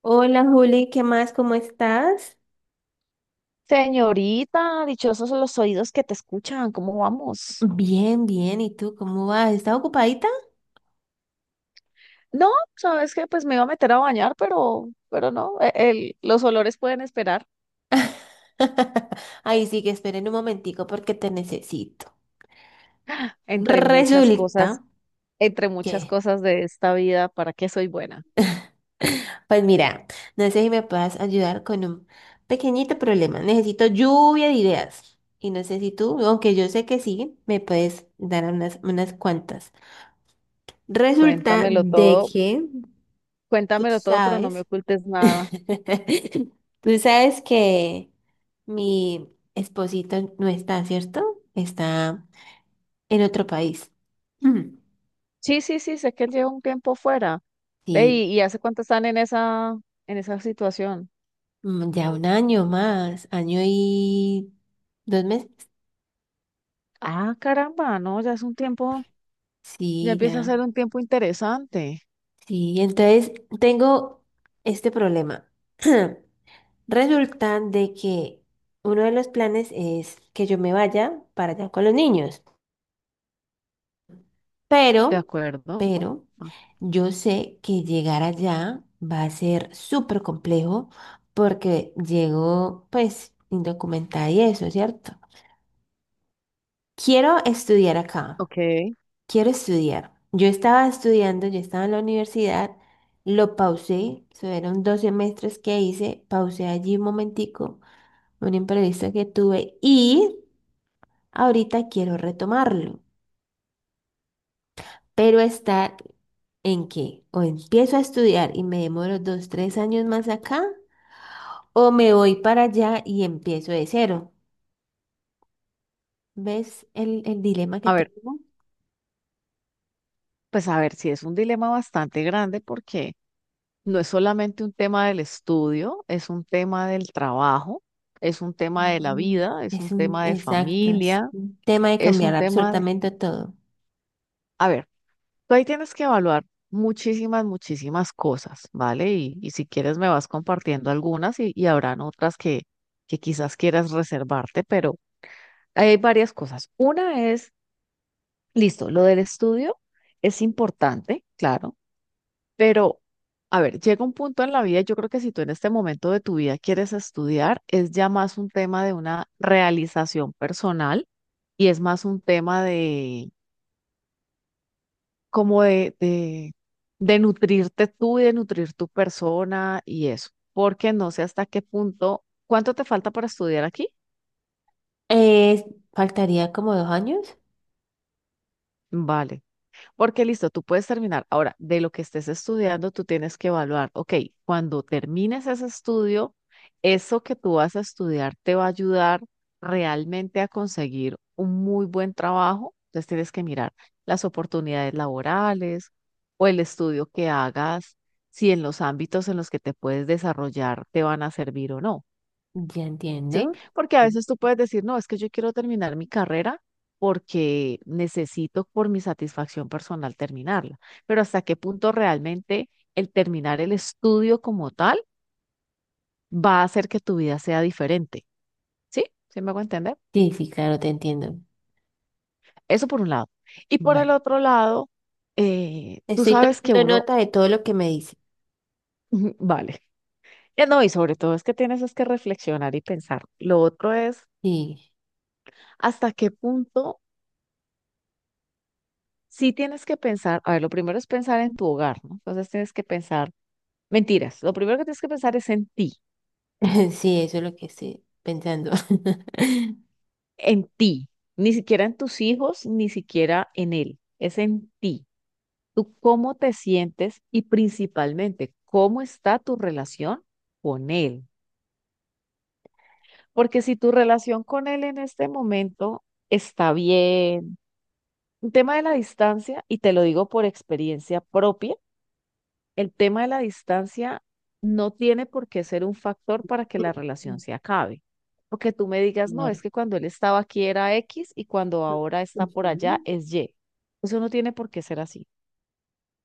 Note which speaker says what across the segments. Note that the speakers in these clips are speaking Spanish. Speaker 1: Hola Juli, ¿qué más? ¿Cómo estás?
Speaker 2: Señorita, dichosos los oídos que te escuchan, ¿cómo vamos?
Speaker 1: Bien, bien. ¿Y tú cómo vas? ¿Estás ocupadita?
Speaker 2: No, sabes que pues me iba a meter a bañar, pero no, los olores pueden esperar
Speaker 1: Ahí sí que esperen un momentico porque te necesito.
Speaker 2: entre muchas
Speaker 1: Resulta
Speaker 2: cosas, entre muchas
Speaker 1: que,
Speaker 2: cosas de esta vida, ¿para qué soy buena?
Speaker 1: pues mira, no sé si me puedas ayudar con un pequeñito problema. Necesito lluvia de ideas. Y no sé si tú, aunque yo sé que sí, me puedes dar unas cuantas. Resulta
Speaker 2: Cuéntamelo
Speaker 1: de
Speaker 2: todo,
Speaker 1: que tú
Speaker 2: cuéntamelo todo, pero no me
Speaker 1: sabes.
Speaker 2: ocultes nada.
Speaker 1: Tú sabes que mi esposito no está, ¿cierto? Está en otro país. Mm.
Speaker 2: Sí, sí, sí, sé que él lleva un tiempo fuera. Ve,
Speaker 1: Sí,
Speaker 2: ¿y hace cuánto están en esa situación?
Speaker 1: ya un año más, año y 2 meses.
Speaker 2: Ah, caramba, no, ya es un tiempo, ya
Speaker 1: Sí,
Speaker 2: empieza a ser
Speaker 1: ya.
Speaker 2: un tiempo interesante,
Speaker 1: Sí, entonces tengo este problema. Resulta de que uno de los planes es que yo me vaya para allá con los niños.
Speaker 2: ¿de
Speaker 1: Pero,
Speaker 2: acuerdo?
Speaker 1: pero, yo sé que llegar allá va a ser súper complejo porque llego, pues, indocumentada y eso, ¿cierto? Quiero estudiar acá,
Speaker 2: Ok,
Speaker 1: quiero estudiar. Yo estaba estudiando, yo estaba en la universidad, lo pausé, fueron dos semestres que hice, pausé allí un momentico, un imprevisto que tuve y ahorita quiero retomarlo. Pero estar en que o empiezo a estudiar y me demoro dos, tres años más acá, o me voy para allá y empiezo de cero. ¿Ves el dilema que
Speaker 2: a ver,
Speaker 1: tengo?
Speaker 2: pues a ver, si es un dilema bastante grande porque no es solamente un tema del estudio, es un tema del trabajo, es un tema de la
Speaker 1: Mm.
Speaker 2: vida, es un tema de
Speaker 1: Exacto, es
Speaker 2: familia,
Speaker 1: un tema de
Speaker 2: es
Speaker 1: cambiar
Speaker 2: un tema de...
Speaker 1: absolutamente todo.
Speaker 2: A ver, tú ahí tienes que evaluar muchísimas, muchísimas cosas, ¿vale? Y si quieres me vas compartiendo algunas y habrán otras que quizás quieras reservarte, pero hay varias cosas. Una es, listo, lo del estudio es importante, claro. Pero, a ver, llega un punto en la vida, yo creo que si tú en este momento de tu vida quieres estudiar, es ya más un tema de una realización personal y es más un tema de como de nutrirte tú y de nutrir tu persona y eso, porque no sé hasta qué punto, ¿cuánto te falta para estudiar aquí?
Speaker 1: Eh, Faltaría como 2 años.
Speaker 2: Vale. Porque listo, tú puedes terminar. Ahora, de lo que estés estudiando, tú tienes que evaluar, ok, cuando termines ese estudio, eso que tú vas a estudiar te va a ayudar realmente a conseguir un muy buen trabajo. Entonces tienes que mirar las oportunidades laborales o el estudio que hagas, si en los ámbitos en los que te puedes desarrollar te van a servir o no.
Speaker 1: Ya
Speaker 2: ¿Sí?
Speaker 1: entiendo.
Speaker 2: Porque a
Speaker 1: Sí.
Speaker 2: veces tú puedes decir, no, es que yo quiero terminar mi carrera porque necesito por mi satisfacción personal terminarla, pero hasta qué punto realmente el terminar el estudio como tal va a hacer que tu vida sea diferente, ¿sí? ¿Sí me hago entender?
Speaker 1: Sí, sí, claro, te entiendo.
Speaker 2: Eso por un lado. Y por el
Speaker 1: Vale.
Speaker 2: otro lado, tú
Speaker 1: Estoy
Speaker 2: sabes que
Speaker 1: tomando
Speaker 2: uno,
Speaker 1: nota de todo lo que me dice.
Speaker 2: vale, ya no, y sobre todo es que tienes es que reflexionar y pensar. Lo otro es,
Speaker 1: Sí,
Speaker 2: ¿hasta qué punto? Sí tienes que pensar, a ver, lo primero es pensar en tu hogar, ¿no? Entonces tienes que pensar, mentiras, lo primero que tienes que pensar es
Speaker 1: sí, eso es lo que estoy pensando.
Speaker 2: en ti, ni siquiera en tus hijos, ni siquiera en él, es en ti. Tú cómo te sientes y principalmente cómo está tu relación con él. Porque si tu relación con él en este momento está bien, un tema de la distancia, y te lo digo por experiencia propia, el tema de la distancia no tiene por qué ser un factor para que la relación se acabe. Porque tú me digas, no, es
Speaker 1: Claro.
Speaker 2: que cuando él estaba aquí era X y cuando ahora está por allá
Speaker 1: Ujú.
Speaker 2: es Y. Eso no tiene por qué ser así.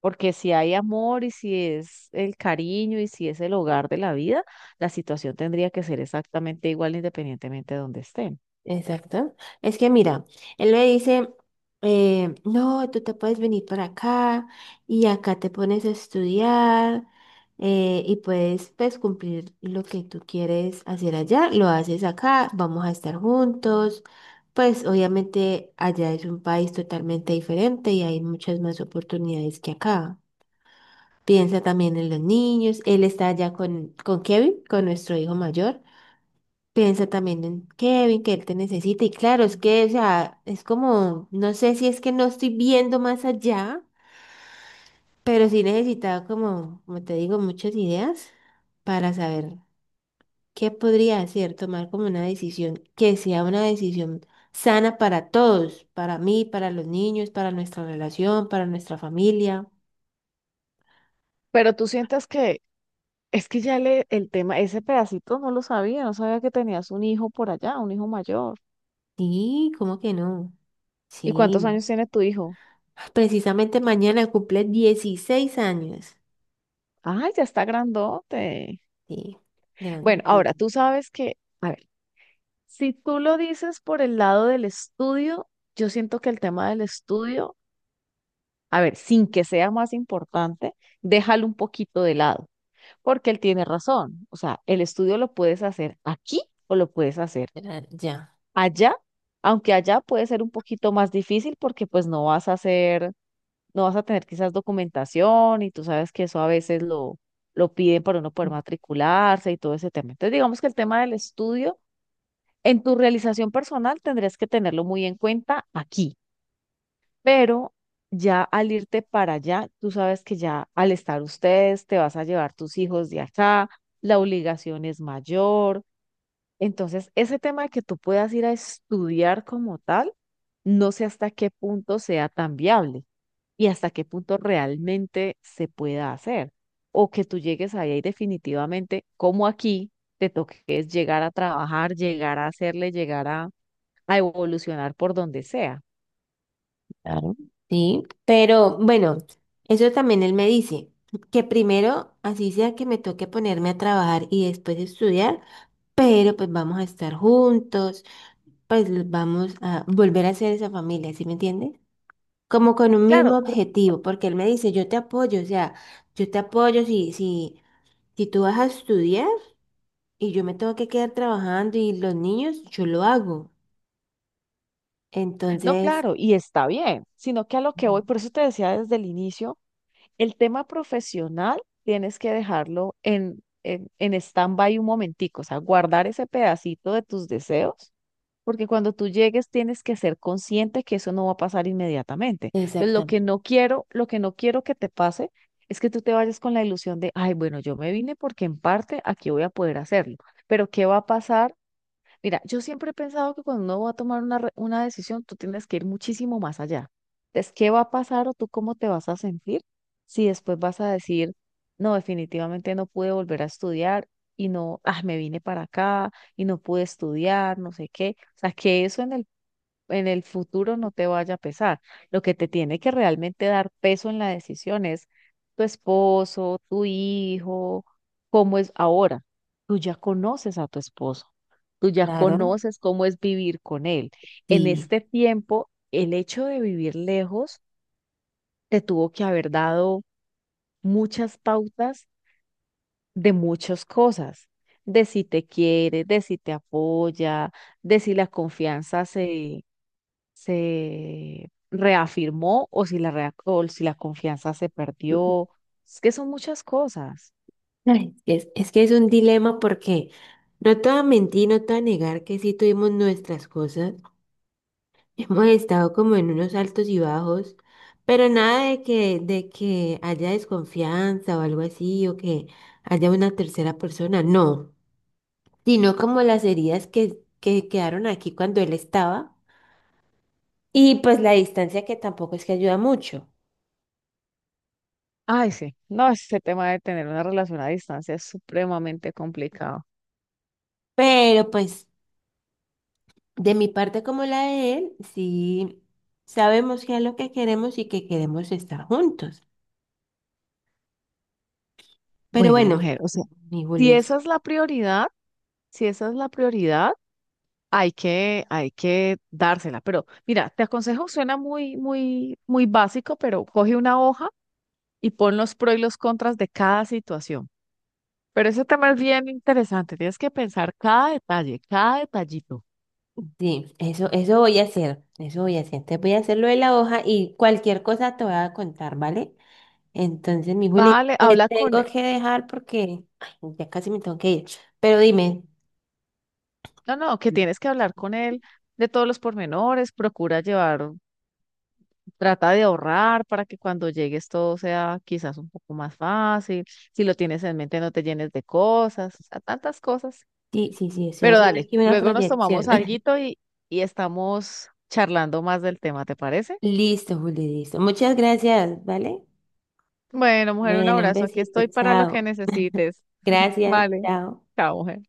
Speaker 2: Porque si hay amor y si es el cariño y si es el hogar de la vida, la situación tendría que ser exactamente igual independientemente de donde estén.
Speaker 1: Exacto. Es que mira, él me dice, no, tú te puedes venir para acá y acá te pones a estudiar, y puedes pues, cumplir lo que tú quieres hacer allá, lo haces acá, vamos a estar juntos. Pues obviamente allá es un país totalmente diferente y hay muchas más oportunidades que acá. Piensa también en los niños. Él está allá con Kevin, con nuestro hijo mayor. Piensa también en Kevin, que él te necesita. Y claro, es que, o sea, es como, no sé si es que no estoy viendo más allá, pero sí necesitaba como, como te digo, muchas ideas para saber qué podría hacer, tomar como una decisión que sea una decisión sana para todos, para mí, para los niños, para nuestra relación, para nuestra familia.
Speaker 2: Pero tú sientas que es que ya le, el tema, ese pedacito no lo sabía, no sabía que tenías un hijo por allá, un hijo mayor.
Speaker 1: Sí, ¿cómo que no?
Speaker 2: ¿Y cuántos
Speaker 1: Sí.
Speaker 2: años tiene tu hijo?
Speaker 1: Precisamente mañana cumple 16 años.
Speaker 2: Ay, ya está grandote.
Speaker 1: Sí,
Speaker 2: Bueno,
Speaker 1: grande.
Speaker 2: ahora tú sabes que, a ver, si tú lo dices por el lado del estudio, yo siento que el tema del estudio, a ver, sin que sea más importante, déjalo un poquito de lado, porque él tiene razón. O sea, el estudio lo puedes hacer aquí o lo puedes hacer
Speaker 1: Ya.
Speaker 2: allá, aunque allá puede ser un poquito más difícil porque pues no vas a hacer, no vas a tener quizás documentación y tú sabes que eso a veces lo piden para uno poder matricularse y todo ese tema. Entonces, digamos que el tema del estudio en tu realización personal tendrías que tenerlo muy en cuenta aquí, pero ya al irte para allá, tú sabes que ya al estar ustedes te vas a llevar tus hijos de acá, la obligación es mayor. Entonces, ese tema de que tú puedas ir a estudiar como tal, no sé hasta qué punto sea tan viable y hasta qué punto realmente se pueda hacer. O que tú llegues ahí y definitivamente, como aquí, te toque es llegar a trabajar, llegar a hacerle, llegar a evolucionar por donde sea.
Speaker 1: Claro. Sí, pero bueno, eso también él me dice, que primero, así sea que me toque ponerme a trabajar y después estudiar, pero pues vamos a estar juntos, pues vamos a volver a ser esa familia, ¿sí me entiendes? Como con un mismo
Speaker 2: Claro,
Speaker 1: objetivo, porque él me dice, yo te apoyo, o sea, yo te apoyo si tú vas a estudiar y yo me tengo que quedar trabajando y los niños, yo lo hago.
Speaker 2: no,
Speaker 1: Entonces,
Speaker 2: claro, y está bien, sino que a lo que
Speaker 1: ujú,
Speaker 2: voy, por eso te decía desde el inicio, el tema profesional tienes que dejarlo en stand-by un momentico, o sea, guardar ese pedacito de tus deseos. Porque cuando tú llegues tienes que ser consciente que eso no va a pasar inmediatamente. Entonces, lo
Speaker 1: exactamente,
Speaker 2: que no quiero, lo que no quiero que te pase es que tú te vayas con la ilusión de, ay, bueno, yo me vine porque en parte aquí voy a poder hacerlo, pero ¿qué va a pasar? Mira, yo siempre he pensado que cuando uno va a tomar una, una decisión, tú tienes que ir muchísimo más allá. Es qué va a pasar o tú cómo te vas a sentir si después vas a decir, no, definitivamente no pude volver a estudiar y no, ah, me vine para acá y no pude estudiar, no sé qué. O sea, que eso en el futuro no te vaya a pesar. Lo que te tiene que realmente dar peso en la decisión es tu esposo, tu hijo, cómo es ahora. Tú ya conoces a tu esposo, tú ya
Speaker 1: claro,
Speaker 2: conoces cómo es vivir con él. En
Speaker 1: sí.
Speaker 2: este tiempo, el hecho de vivir lejos te tuvo que haber dado muchas pautas de muchas cosas, de si te quiere, de si te apoya, de si la confianza se se reafirmó o si la, o si la confianza se perdió. Es que son muchas cosas.
Speaker 1: Ay, es que es un dilema porque no te voy a mentir, no te voy a negar que sí tuvimos nuestras cosas. Hemos estado como en unos altos y bajos, pero nada de que haya desconfianza o algo así, o que haya una tercera persona, no, sino como las heridas que quedaron aquí cuando él estaba, y pues la distancia, que tampoco es que ayuda mucho,
Speaker 2: Ay, sí, no, ese tema de tener una relación a distancia es supremamente complicado.
Speaker 1: pero pues... De mi parte como la de él, sí sabemos qué es lo que queremos y que queremos estar juntos. Pero
Speaker 2: Bueno,
Speaker 1: bueno,
Speaker 2: mujer, o sea,
Speaker 1: mi
Speaker 2: si
Speaker 1: Julis,
Speaker 2: esa es la prioridad, si esa es la prioridad, hay que dársela. Pero mira, te aconsejo, suena muy, muy, muy básico, pero coge una hoja y pon los pros y los contras de cada situación. Pero ese tema es bien interesante, tienes que pensar cada detalle, cada detallito.
Speaker 1: sí, eso voy a hacer, eso voy a hacer. Te voy a hacer lo de la hoja y cualquier cosa te voy a contar, ¿vale? Entonces, mi Juli,
Speaker 2: Vale,
Speaker 1: te
Speaker 2: habla con
Speaker 1: tengo
Speaker 2: él.
Speaker 1: que dejar porque ay, ya casi me tengo que ir. Pero dime,
Speaker 2: No, no, que tienes que hablar con él de todos los pormenores, procura llevar, trata de ahorrar para que cuando llegues todo sea quizás un poco más fácil. Si lo tienes en mente, no te llenes de cosas, o sea, tantas cosas.
Speaker 1: sí, sí, sí, estoy
Speaker 2: Pero
Speaker 1: haciendo
Speaker 2: dale,
Speaker 1: aquí una
Speaker 2: luego nos tomamos
Speaker 1: proyección.
Speaker 2: alguito y estamos charlando más del tema, ¿te parece?
Speaker 1: Listo, Juli, listo. Muchas gracias, ¿vale?
Speaker 2: Bueno, mujer, un
Speaker 1: Bueno, un
Speaker 2: abrazo. Aquí
Speaker 1: besito,
Speaker 2: estoy para lo que
Speaker 1: chao.
Speaker 2: necesites.
Speaker 1: Gracias,
Speaker 2: Vale,
Speaker 1: chao.
Speaker 2: chao, mujer.